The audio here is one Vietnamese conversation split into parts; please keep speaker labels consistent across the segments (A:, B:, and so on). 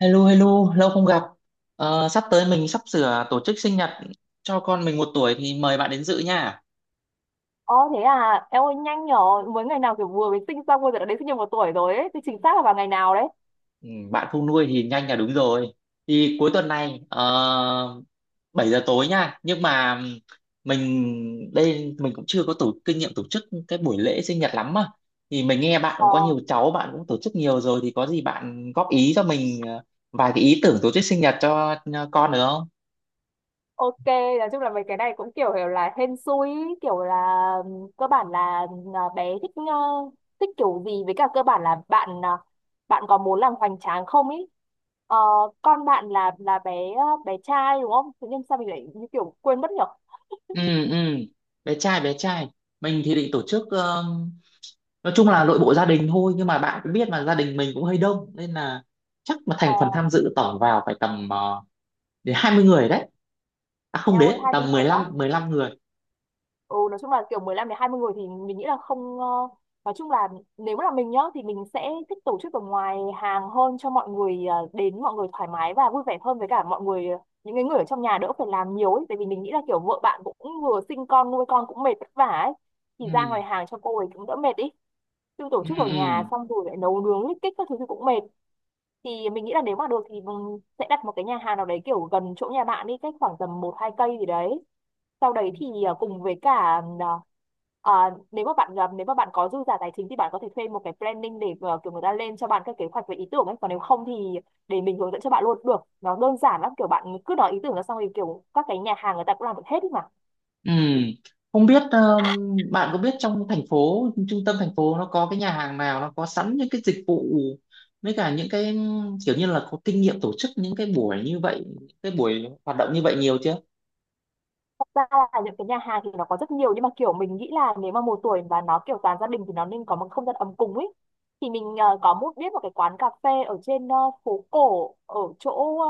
A: Hello, hello, lâu không gặp. Ờ, sắp tới mình sắp sửa tổ chức sinh nhật cho con mình 1 tuổi thì mời bạn đến dự nha.
B: Ồ thế à, em ơi nhanh nhỏ, mới ngày nào kiểu vừa mới sinh xong bây giờ đã đến sinh nhật một tuổi rồi ấy, thì chính xác là vào ngày nào đấy.
A: Ừ, bạn không nuôi thì nhanh là đúng rồi. Thì cuối tuần này 7 giờ tối nha. Nhưng mà mình đây mình cũng chưa có kinh nghiệm tổ chức cái buổi lễ sinh nhật lắm mà. Thì mình nghe bạn cũng
B: Ờ,
A: có nhiều cháu, bạn cũng tổ chức nhiều rồi thì có gì bạn góp ý cho mình vài cái ý tưởng tổ chức sinh nhật cho con được không?
B: ok, nói chung là mấy cái này cũng kiểu là hên xui, ý, kiểu là cơ bản là bé thích thích kiểu gì với cả cơ bản là bạn bạn có muốn làm hoành tráng không ý. Ờ, con bạn là bé bé trai đúng không? Tự nhiên sao mình lại như kiểu quên mất nhở?
A: Ừ, ừ, bé trai, bé trai. Mình thì định tổ chức nói chung là nội bộ gia đình thôi, nhưng mà bạn cũng biết mà gia đình mình cũng hơi đông nên là chắc mà
B: Ờ,
A: thành phần tham dự tổng vào phải tầm đến 20 người đấy, à không,
B: em ơi
A: đến
B: hai bên
A: tầm mười
B: thật á.
A: lăm mười lăm người.
B: Ừ, nói chung là kiểu 15 đến 20 người thì mình nghĩ là không ờ, nói chung là nếu là mình nhá thì mình sẽ thích tổ chức ở ngoài hàng hơn cho mọi người đến mọi người thoải mái và vui vẻ hơn với cả mọi người những cái người ở trong nhà đỡ phải làm nhiều ấy, tại vì mình nghĩ là kiểu vợ bạn cũng vừa sinh con nuôi con cũng mệt vất vả ấy, thì ra ngoài
A: Ừ,
B: hàng cho cô ấy cũng đỡ mệt ý, chứ tổ
A: ừ,
B: chức ở nhà
A: ừ,
B: xong rồi lại nấu nướng lít kích các thứ thì cũng mệt. Thì mình nghĩ là nếu mà được thì mình sẽ đặt một cái nhà hàng nào đấy kiểu gần chỗ nhà bạn đi, cách khoảng tầm một hai cây gì đấy, sau đấy thì cùng với cả à, nếu mà bạn, nếu mà bạn có dư giả tài chính thì bạn có thể thuê một cái planning để kiểu người ta lên cho bạn các kế hoạch về ý tưởng ấy, còn nếu không thì để mình hướng dẫn cho bạn luôn cũng được, nó đơn giản lắm, kiểu bạn cứ nói ý tưởng ra xong thì kiểu các cái nhà hàng người ta cũng làm được hết ý mà.
A: ừ. Không biết bạn có biết trong thành phố, trung tâm thành phố nó có cái nhà hàng nào nó có sẵn những cái dịch vụ với cả những cái kiểu như là có kinh nghiệm tổ chức những cái buổi như vậy, cái buổi hoạt động như vậy nhiều chưa?
B: Thật ra là những cái nhà hàng thì nó có rất nhiều, nhưng mà kiểu mình nghĩ là nếu mà một tuổi và nó kiểu toàn gia đình thì nó nên có một không gian ấm cúng ấy. Thì mình có một biết một cái quán cà phê ở trên phố cổ ở chỗ,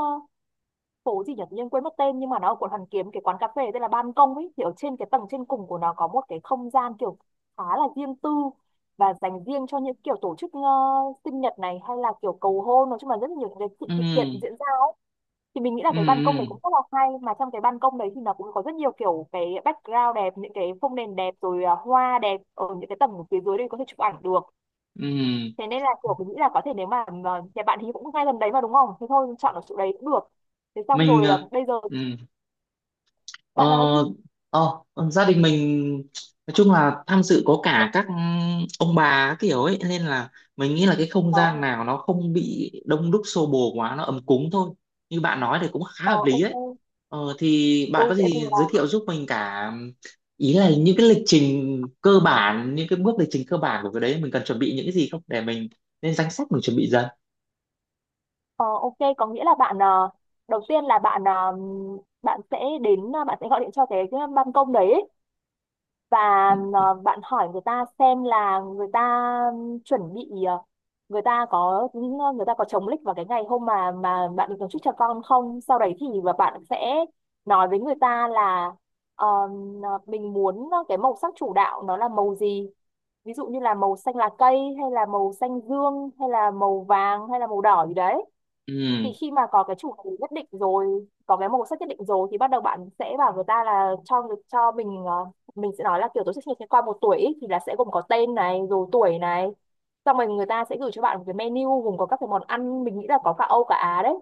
B: phố gì nhỉ, tự nhiên quên mất tên, nhưng mà nó ở quận Hoàn Kiếm, cái quán cà phê tên là Ban Công ấy, thì ở trên cái tầng trên cùng của nó có một cái không gian kiểu khá là riêng tư và dành riêng cho những kiểu tổ chức sinh nhật này hay là kiểu cầu hôn, nói chung là rất là nhiều những cái sự sự kiện
A: Ừ,
B: diễn ra. Thì mình nghĩ là
A: ừ,
B: cái ban công đấy cũng
A: ừ,
B: rất là hay, mà trong cái ban công đấy thì nó cũng có rất nhiều kiểu cái background đẹp, những cái phông nền đẹp rồi hoa đẹp, ở những cái tầng phía dưới đây có thể chụp ảnh được.
A: ừ.
B: Thế nên là kiểu mình nghĩ là có thể, nếu mà nhà bạn thì cũng ngay gần đấy mà đúng không, thế thôi chọn ở chỗ đấy cũng được. Thế xong
A: mình
B: rồi,
A: ờ,
B: bây giờ
A: ừ. Ờ,
B: Bạn nói đi.
A: ờ, gia đình mình nói chung là tham dự có cả các ông bà kiểu ấy nên là mình nghĩ là cái không
B: Ờ,
A: gian nào nó không bị đông đúc xô bồ quá, nó ấm cúng thôi. Như bạn nói thì cũng khá
B: ờ,
A: hợp lý đấy.
B: ok.
A: Thì
B: Ừ,
A: bạn có
B: tại vì
A: gì giới
B: là
A: thiệu giúp mình cả, ý là những cái lịch trình cơ bản, những cái bước lịch trình cơ bản của cái đấy mình cần chuẩn bị những cái gì không để mình lên danh sách, mình chuẩn bị dần.
B: ờ, ok, có nghĩa là bạn, đầu tiên là bạn, bạn sẽ đến bạn sẽ gọi điện cho cái ban công đấy, và bạn hỏi người ta xem là người ta chuẩn bị à, người ta có người ta có chống lịch vào cái ngày hôm mà bạn được tổ chức cho con không. Sau đấy thì và bạn sẽ nói với người ta là ờ, mình muốn cái màu sắc chủ đạo nó là màu gì, ví dụ như là màu xanh lá cây hay là màu xanh dương hay là màu vàng hay là màu đỏ gì đấy. Thì
A: Ừ,
B: khi mà có cái chủ đề nhất định rồi, có cái màu sắc nhất định rồi, thì bắt đầu bạn sẽ bảo người ta là cho cho mình mình sẽ nói là kiểu tôi sẽ sinh nhật qua một tuổi ý, thì là sẽ gồm có tên này rồi tuổi này. Xong rồi người ta sẽ gửi cho bạn một cái menu gồm có các cái món ăn, mình nghĩ là có cả Âu cả Á đấy,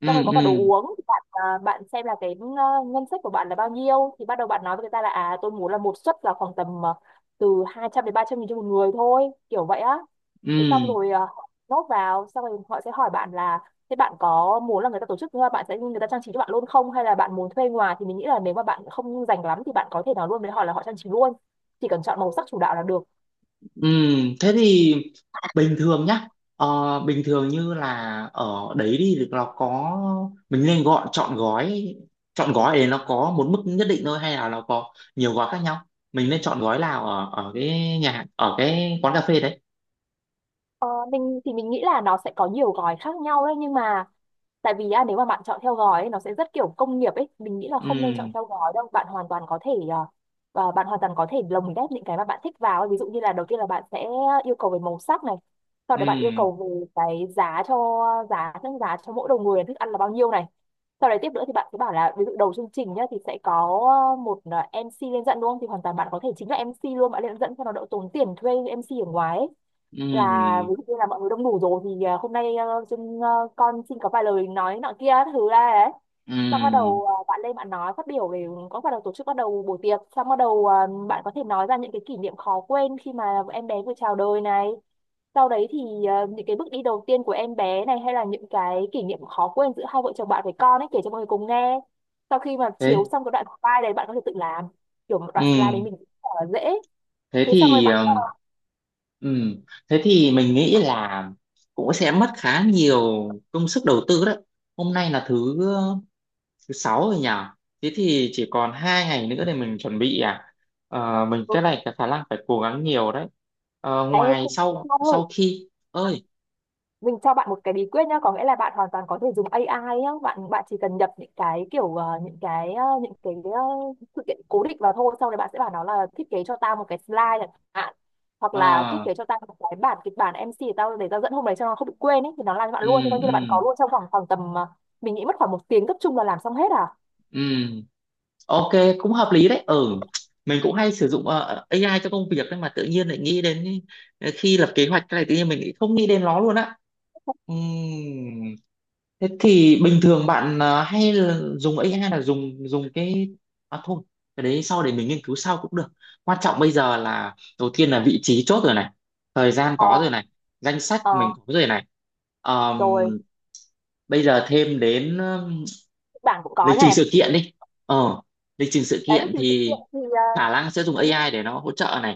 A: ừ,
B: xong rồi có
A: ừ,
B: cả đồ
A: ừ,
B: uống. Thì bạn bạn xem là cái ngân sách của bạn là bao nhiêu, thì bắt đầu bạn nói với người ta là à, tôi muốn là một suất là khoảng tầm từ 200 đến 300 nghìn cho một người thôi, kiểu vậy á. Thế xong
A: ừ.
B: rồi, nốt vào xong rồi họ sẽ hỏi bạn là thế bạn có muốn là người ta tổ chức bạn sẽ người ta trang trí cho bạn luôn không, hay là bạn muốn thuê ngoài. Thì mình nghĩ là nếu mà bạn không rành lắm thì bạn có thể nào luôn với họ là họ trang trí luôn, chỉ cần chọn màu sắc chủ đạo là được.
A: Thế thì bình thường nhá, bình thường như là ở đấy đi thì nó có, mình nên gọi Chọn gói để nó có một mức nhất định thôi hay là nó có nhiều gói khác nhau, mình nên chọn gói nào ở ở cái nhà hàng- ở cái quán cà phê đấy?
B: Ờ, mình thì mình nghĩ là nó sẽ có nhiều gói khác nhau đấy, nhưng mà tại vì nếu mà bạn chọn theo gói ấy, nó sẽ rất kiểu công nghiệp ấy, mình nghĩ là không nên chọn
A: Ừm,
B: theo gói đâu, bạn hoàn toàn có thể bạn hoàn toàn có thể lồng ghép những cái mà bạn thích vào ấy. Ví dụ như là đầu tiên là bạn sẽ yêu cầu về màu sắc này, sau đấy bạn yêu
A: ừm,
B: cầu về cái giá giá cho mỗi đầu người là thức ăn là bao nhiêu này. Sau đấy tiếp nữa thì bạn cứ bảo là ví dụ đầu chương trình nhá thì sẽ có một MC lên dẫn đúng không, thì hoàn toàn bạn có thể chính là MC luôn, bạn lên dẫn cho nó đỡ tốn tiền thuê MC ở ngoài ấy. Là
A: ừm,
B: ví dụ như là mọi người đông đủ rồi thì hôm nay con xin có vài lời nói nọ kia các thứ ra đấy. Xong bắt
A: ừm.
B: đầu bạn lên bạn nói phát biểu về có bắt đầu tổ chức, bắt đầu buổi tiệc. Xong bắt đầu bạn có thể nói ra những cái kỷ niệm khó quên khi mà em bé vừa chào đời này, sau đấy thì những cái bước đi đầu tiên của em bé này, hay là những cái kỷ niệm khó quên giữa hai vợ chồng bạn với con ấy, kể cho mọi người cùng nghe. Sau khi mà chiếu
A: Thế
B: xong cái đoạn slide đấy, bạn có thể tự làm kiểu một đoạn slide đấy
A: ừm,
B: mình cũng rất là dễ.
A: thế
B: Thế xong rồi
A: thì
B: bạn
A: ừ. Thế thì mình nghĩ là cũng sẽ mất khá nhiều công sức đầu tư đấy. Hôm nay là thứ thứ sáu rồi nhỉ, thế thì chỉ còn 2 ngày nữa để mình chuẩn bị à. Ờ, mình
B: ờ,
A: cái này cái khả năng phải cố gắng nhiều đấy. Ờ,
B: thấy
A: ngoài
B: không,
A: sau sau khi ơi,
B: mình cho bạn một cái bí quyết nhá, có nghĩa là bạn hoàn toàn có thể dùng AI nhá. Bạn bạn chỉ cần nhập những cái kiểu sự kiện cố định vào thôi, sau đấy bạn sẽ bảo nó là thiết kế cho tao một cái slide chẳng hạn, hoặc là thiết
A: ờ,
B: kế cho tao một cái bản kịch bản MC để tao dẫn hôm đấy cho nó không bị quên ấy, thì nó làm cho bạn
A: ừ,
B: luôn, thì coi như là
A: ừ,
B: bạn có luôn trong vòng khoảng tầm mình nghĩ mất khoảng một tiếng cấp trung là làm xong hết à.
A: ừ, ok, cũng hợp lý đấy, ừ. Mình cũng hay sử dụng AI cho công việc, nhưng mà tự nhiên lại nghĩ đến khi lập kế hoạch cái này tự nhiên mình lại không nghĩ đến nó luôn á. Ừ. Thế thì bình thường bạn hay là dùng AI là dùng dùng cái, à thôi, cái đấy sau để mình nghiên cứu sau cũng được. Quan trọng bây giờ là, đầu tiên là vị trí chốt rồi này, thời gian có
B: Ờ,
A: rồi này, danh sách mình
B: ờ,
A: có rồi này.
B: rồi,
A: Ờm, bây giờ thêm đến
B: kịch bản cũng có
A: lịch trình
B: này,
A: sự kiện đi. Ờ lịch trình sự
B: đấy là
A: kiện
B: trình sự
A: thì
B: kiện thì
A: khả năng sẽ dùng
B: đấy,
A: AI để nó hỗ trợ này.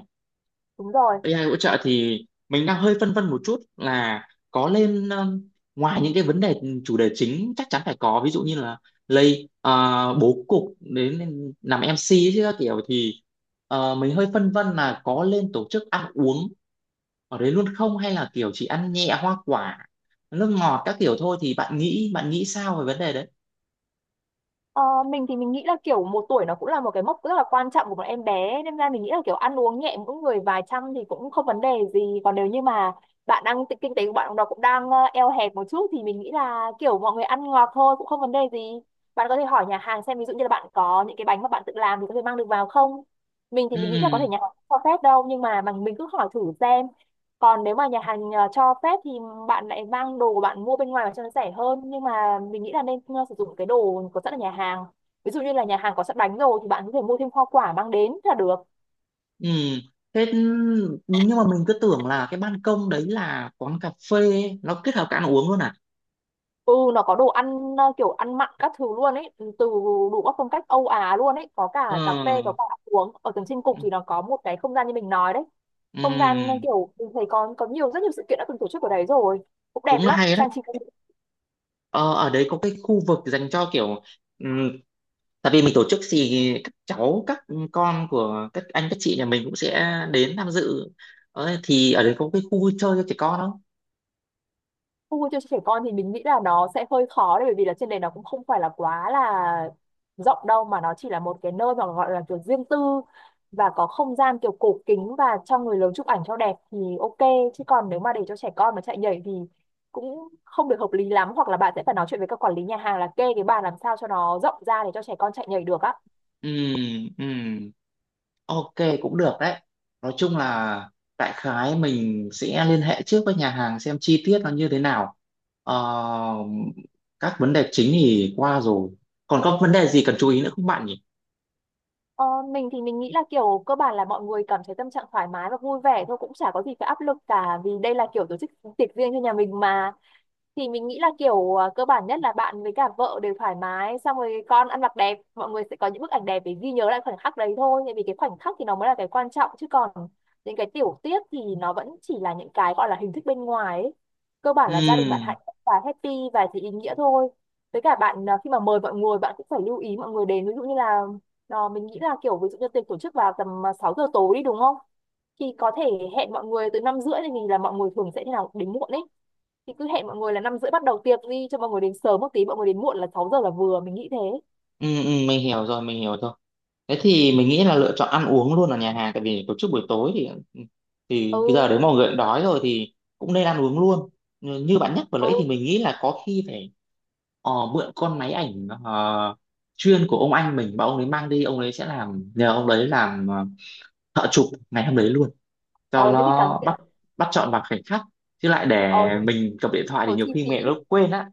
B: đúng rồi.
A: AI hỗ trợ thì mình đang hơi phân vân một chút là có lên ngoài những cái vấn đề chủ đề chính chắc chắn phải có, ví dụ như là lay bố cục đến làm MC ấy chứ các kiểu thì mình hơi phân vân là có lên tổ chức ăn uống ở đấy luôn không, hay là kiểu chỉ ăn nhẹ hoa quả nước ngọt các kiểu thôi. Thì bạn nghĩ sao về vấn đề đấy?
B: Ờ, mình thì mình nghĩ là kiểu một tuổi nó cũng là một cái mốc rất là quan trọng của một em bé, nên ra mình nghĩ là kiểu ăn uống nhẹ mỗi người vài trăm thì cũng không vấn đề gì. Còn nếu như mà bạn đang kinh tế của bạn nó cũng đang eo hẹp một chút, thì mình nghĩ là kiểu mọi người ăn ngọt thôi cũng không vấn đề gì. Bạn có thể hỏi nhà hàng xem, ví dụ như là bạn có những cái bánh mà bạn tự làm thì có thể mang được vào không. Mình thì mình nghĩ là có thể
A: Ừ,
B: nhà hàng không cho phép đâu, nhưng mà mình cứ hỏi thử xem. Còn nếu mà nhà hàng cho phép thì bạn lại mang đồ của bạn mua bên ngoài và cho nó rẻ hơn, nhưng mà mình nghĩ là nên sử dụng cái đồ có sẵn ở nhà hàng, ví dụ như là nhà hàng có sẵn bánh rồi thì bạn có thể mua thêm hoa quả mang đến là được.
A: ừ. Thế nhưng mà mình cứ tưởng là cái ban công đấy là quán cà phê, nó kết hợp cả ăn uống luôn à?
B: Ừ, nó có đồ ăn kiểu ăn mặn các thứ luôn ấy. Ừ, từ đủ các phong cách Âu Á luôn ấy, có
A: Ừ.
B: cả cà phê có cả ăn uống, ở tầng trên cục thì nó Có một cái không gian như mình nói đấy. Không gian,
A: Ừm,
B: kiểu mình thấy có nhiều rất nhiều sự kiện đã từng tổ chức ở đấy rồi, cũng đẹp
A: cũng
B: lắm
A: hay đấy.
B: trang trí.
A: Ờ, Ở đấy có cái khu vực dành cho kiểu ừm, tại vì mình tổ chức thì các cháu, các con của các anh các chị nhà mình cũng sẽ đến tham dự, thì ở đấy có cái khu vui chơi cho trẻ con không?
B: Phục vụ cho trẻ con thì mình nghĩ là nó sẽ hơi khó đấy, bởi vì là trên đấy nó cũng không phải là quá là rộng đâu, mà nó chỉ là một cái nơi mà gọi là kiểu riêng tư, và có không gian kiểu cổ kính và cho người lớn chụp ảnh cho đẹp thì ok. Chứ còn nếu mà để cho trẻ con mà chạy nhảy thì cũng không được hợp lý lắm, hoặc là bạn sẽ phải nói chuyện với các quản lý nhà hàng là kê cái bàn làm sao cho nó rộng ra để cho trẻ con chạy nhảy được á.
A: Ừm, ừm, ok, cũng được đấy. Nói chung là đại khái mình sẽ liên hệ trước với nhà hàng xem chi tiết nó như thế nào. Ờ, các vấn đề chính thì qua rồi, còn có vấn đề gì cần chú ý nữa không bạn nhỉ?
B: Ờ, mình thì mình nghĩ là kiểu cơ bản là mọi người cảm thấy tâm trạng thoải mái và vui vẻ thôi, cũng chả có gì phải áp lực cả, vì đây là kiểu tổ chức tiệc riêng cho nhà mình mà. Thì mình nghĩ là kiểu cơ bản nhất là bạn với cả vợ đều thoải mái, xong rồi con ăn mặc đẹp, mọi người sẽ có những bức ảnh đẹp để ghi nhớ lại khoảnh khắc đấy thôi, tại vì cái khoảnh khắc thì nó mới là cái quan trọng, chứ còn những cái tiểu tiết thì nó vẫn chỉ là những cái gọi là hình thức bên ngoài ấy. Cơ bản là gia đình bạn
A: Ừ.
B: hạnh phúc và happy thì ý nghĩa thôi. Với cả bạn à, khi mà mời mọi người bạn cũng phải lưu ý mọi người đến, ví dụ như là mình nghĩ là kiểu ví dụ như tiệc tổ chức vào tầm 6 giờ tối đi đúng không, thì có thể hẹn mọi người từ 5 rưỡi, thì mình là mọi người thường sẽ thế nào đến muộn ấy, thì cứ hẹn mọi người là 5 rưỡi bắt đầu tiệc đi cho mọi người đến sớm một tí, mọi người đến muộn là 6 giờ là vừa, mình nghĩ thế.
A: Ừ, ừ, mình hiểu rồi, mình hiểu rồi. Thế thì mình nghĩ là lựa chọn ăn uống luôn ở nhà hàng, tại vì tổ chức buổi tối thì cái giờ
B: Ừ,
A: đấy mọi người cũng đói rồi thì cũng nên ăn uống luôn. Như như bạn nhắc vừa nãy
B: ừ,
A: thì mình nghĩ là có khi phải mượn con máy ảnh chuyên của ông anh mình mà ông ấy mang đi, ông ấy sẽ làm, nhờ ông đấy làm thợ chụp ngày hôm đấy luôn
B: ờ
A: cho
B: thế thì càng
A: nó bắt bắt chọn vào khoảnh khắc, chứ lại
B: ờ
A: để mình cầm điện thoại thì
B: tốn
A: nhiều
B: chi
A: khi
B: phí.
A: mẹ nó quên á.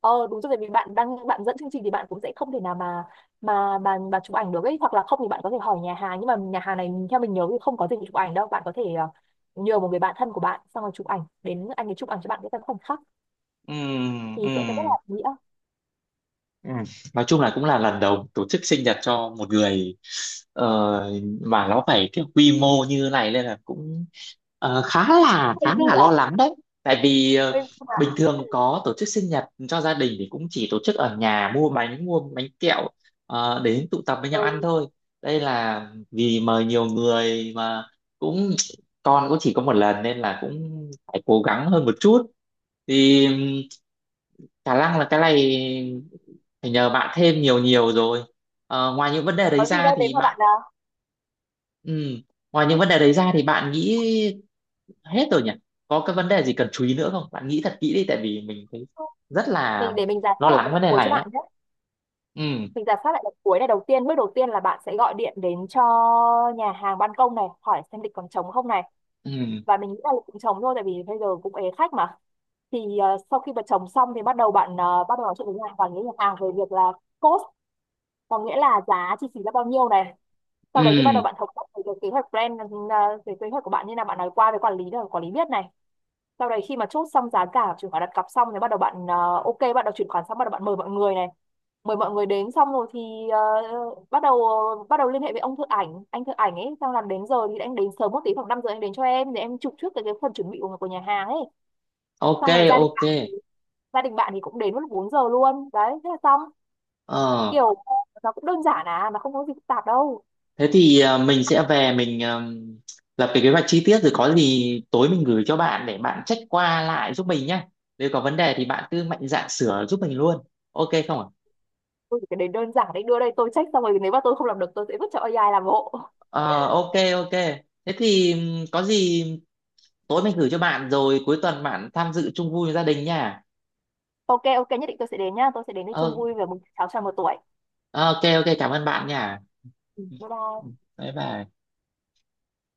B: Ờ đúng rồi, vì bạn dẫn chương trình thì bạn cũng sẽ không thể nào mà chụp ảnh được ấy, hoặc là không thì bạn có thể hỏi nhà hàng, nhưng mà nhà hàng này theo mình nhớ thì không có dịch vụ chụp ảnh đâu, bạn có thể nhờ một người bạn thân của bạn xong rồi chụp ảnh, đến anh ấy chụp ảnh cho bạn cái tấm khoảnh khắc
A: Ừ,
B: thì
A: ừ.
B: sẽ rất là ý nghĩa.
A: Ừ. Nói chung là cũng là lần đầu tổ chức sinh nhật cho một người ờ, mà nó phải cái quy mô như này nên là cũng khá là
B: hơi
A: khá
B: dư
A: là
B: giả
A: lo lắng đấy. Tại vì
B: Hơi dư
A: bình
B: dả.
A: thường có tổ chức sinh nhật cho gia đình thì cũng chỉ tổ chức ở nhà, mua bánh kẹo, đến tụ tập với nhau ăn
B: Ừ.
A: thôi. Đây là vì mời nhiều người mà, cũng con cũng chỉ có một lần nên là cũng phải cố gắng hơn một chút. Thì khả năng là cái này phải nhờ bạn thêm nhiều nhiều rồi. Ngoài những vấn đề đấy
B: Có gì
A: ra
B: đâu thế
A: thì
B: mà bạn
A: bạn,
B: nào.
A: ừ, ngoài những vấn đề đấy ra thì bạn nghĩ hết rồi nhỉ? Có cái vấn đề gì cần chú ý nữa không? Bạn nghĩ thật kỹ đi tại vì mình thấy rất là
B: Mình để mình giả
A: lo
B: soát lại một
A: lắng
B: lần
A: vấn đề
B: cuối cho
A: này ấy.
B: bạn nhé,
A: Ừ,
B: mình giả soát lại đợt cuối này. Đầu tiên, bước đầu tiên là bạn sẽ gọi điện đến cho nhà hàng ban công này hỏi xem lịch còn trống không này,
A: ừ,
B: và mình nghĩ là lịch cũng trống thôi tại vì bây giờ cũng ế khách mà. Thì sau khi mà trống xong thì bắt đầu bạn, bắt đầu nói chuyện với nhà hàng và với nhà hàng về việc là cost, có nghĩa là giá chi phí là bao nhiêu này. Sau đấy thì bắt đầu
A: ừ.
B: bạn thống nhất về cái kế hoạch brand, về kế hoạch của bạn, như là bạn nói qua với quản lý để quản lý biết này. Sau đấy khi mà chốt xong giá cả chuyển khoản đặt cọc xong thì bắt đầu bạn, ok, bắt đầu chuyển khoản xong bắt đầu bạn mời mọi người này, mời mọi người đến xong rồi thì bắt đầu liên hệ với ông thợ ảnh anh thợ ảnh ấy, xong làm đến giờ thì anh đến sớm một tí, khoảng 5 giờ anh đến cho em để em chụp trước cái phần chuẩn bị của nhà hàng ấy.
A: Ok,
B: Xong rồi
A: ok.
B: gia đình bạn thì cũng đến lúc 4 giờ luôn đấy, thế là xong.
A: Ờ,
B: Kiểu nó cũng đơn giản à, nó không có gì phức tạp đâu.
A: thế thì mình sẽ về mình lập cái kế hoạch chi tiết rồi có gì tối mình gửi cho bạn để bạn check qua lại giúp mình nhé. Nếu có vấn đề thì bạn cứ mạnh dạn sửa giúp mình luôn. Ok không ạ?
B: Tôi chỉ cần đến đơn giản đấy, đưa đây tôi check xong rồi, nếu mà tôi không làm được tôi sẽ vứt cho AI làm hộ.
A: Ờ, ok ok, thế thì có gì tối mình gửi cho bạn rồi cuối tuần bạn tham dự chung vui với gia đình nha.
B: Ok, ok, nhất định tôi sẽ đến nhá, tôi sẽ đến đây chung
A: Ờ,
B: vui về mừng cháu tròn 1 tuổi.
A: ờ, ok ok, cảm ơn bạn nha.
B: Ừ,
A: Ừ,
B: bye
A: ừ,
B: bye.
A: bye bye.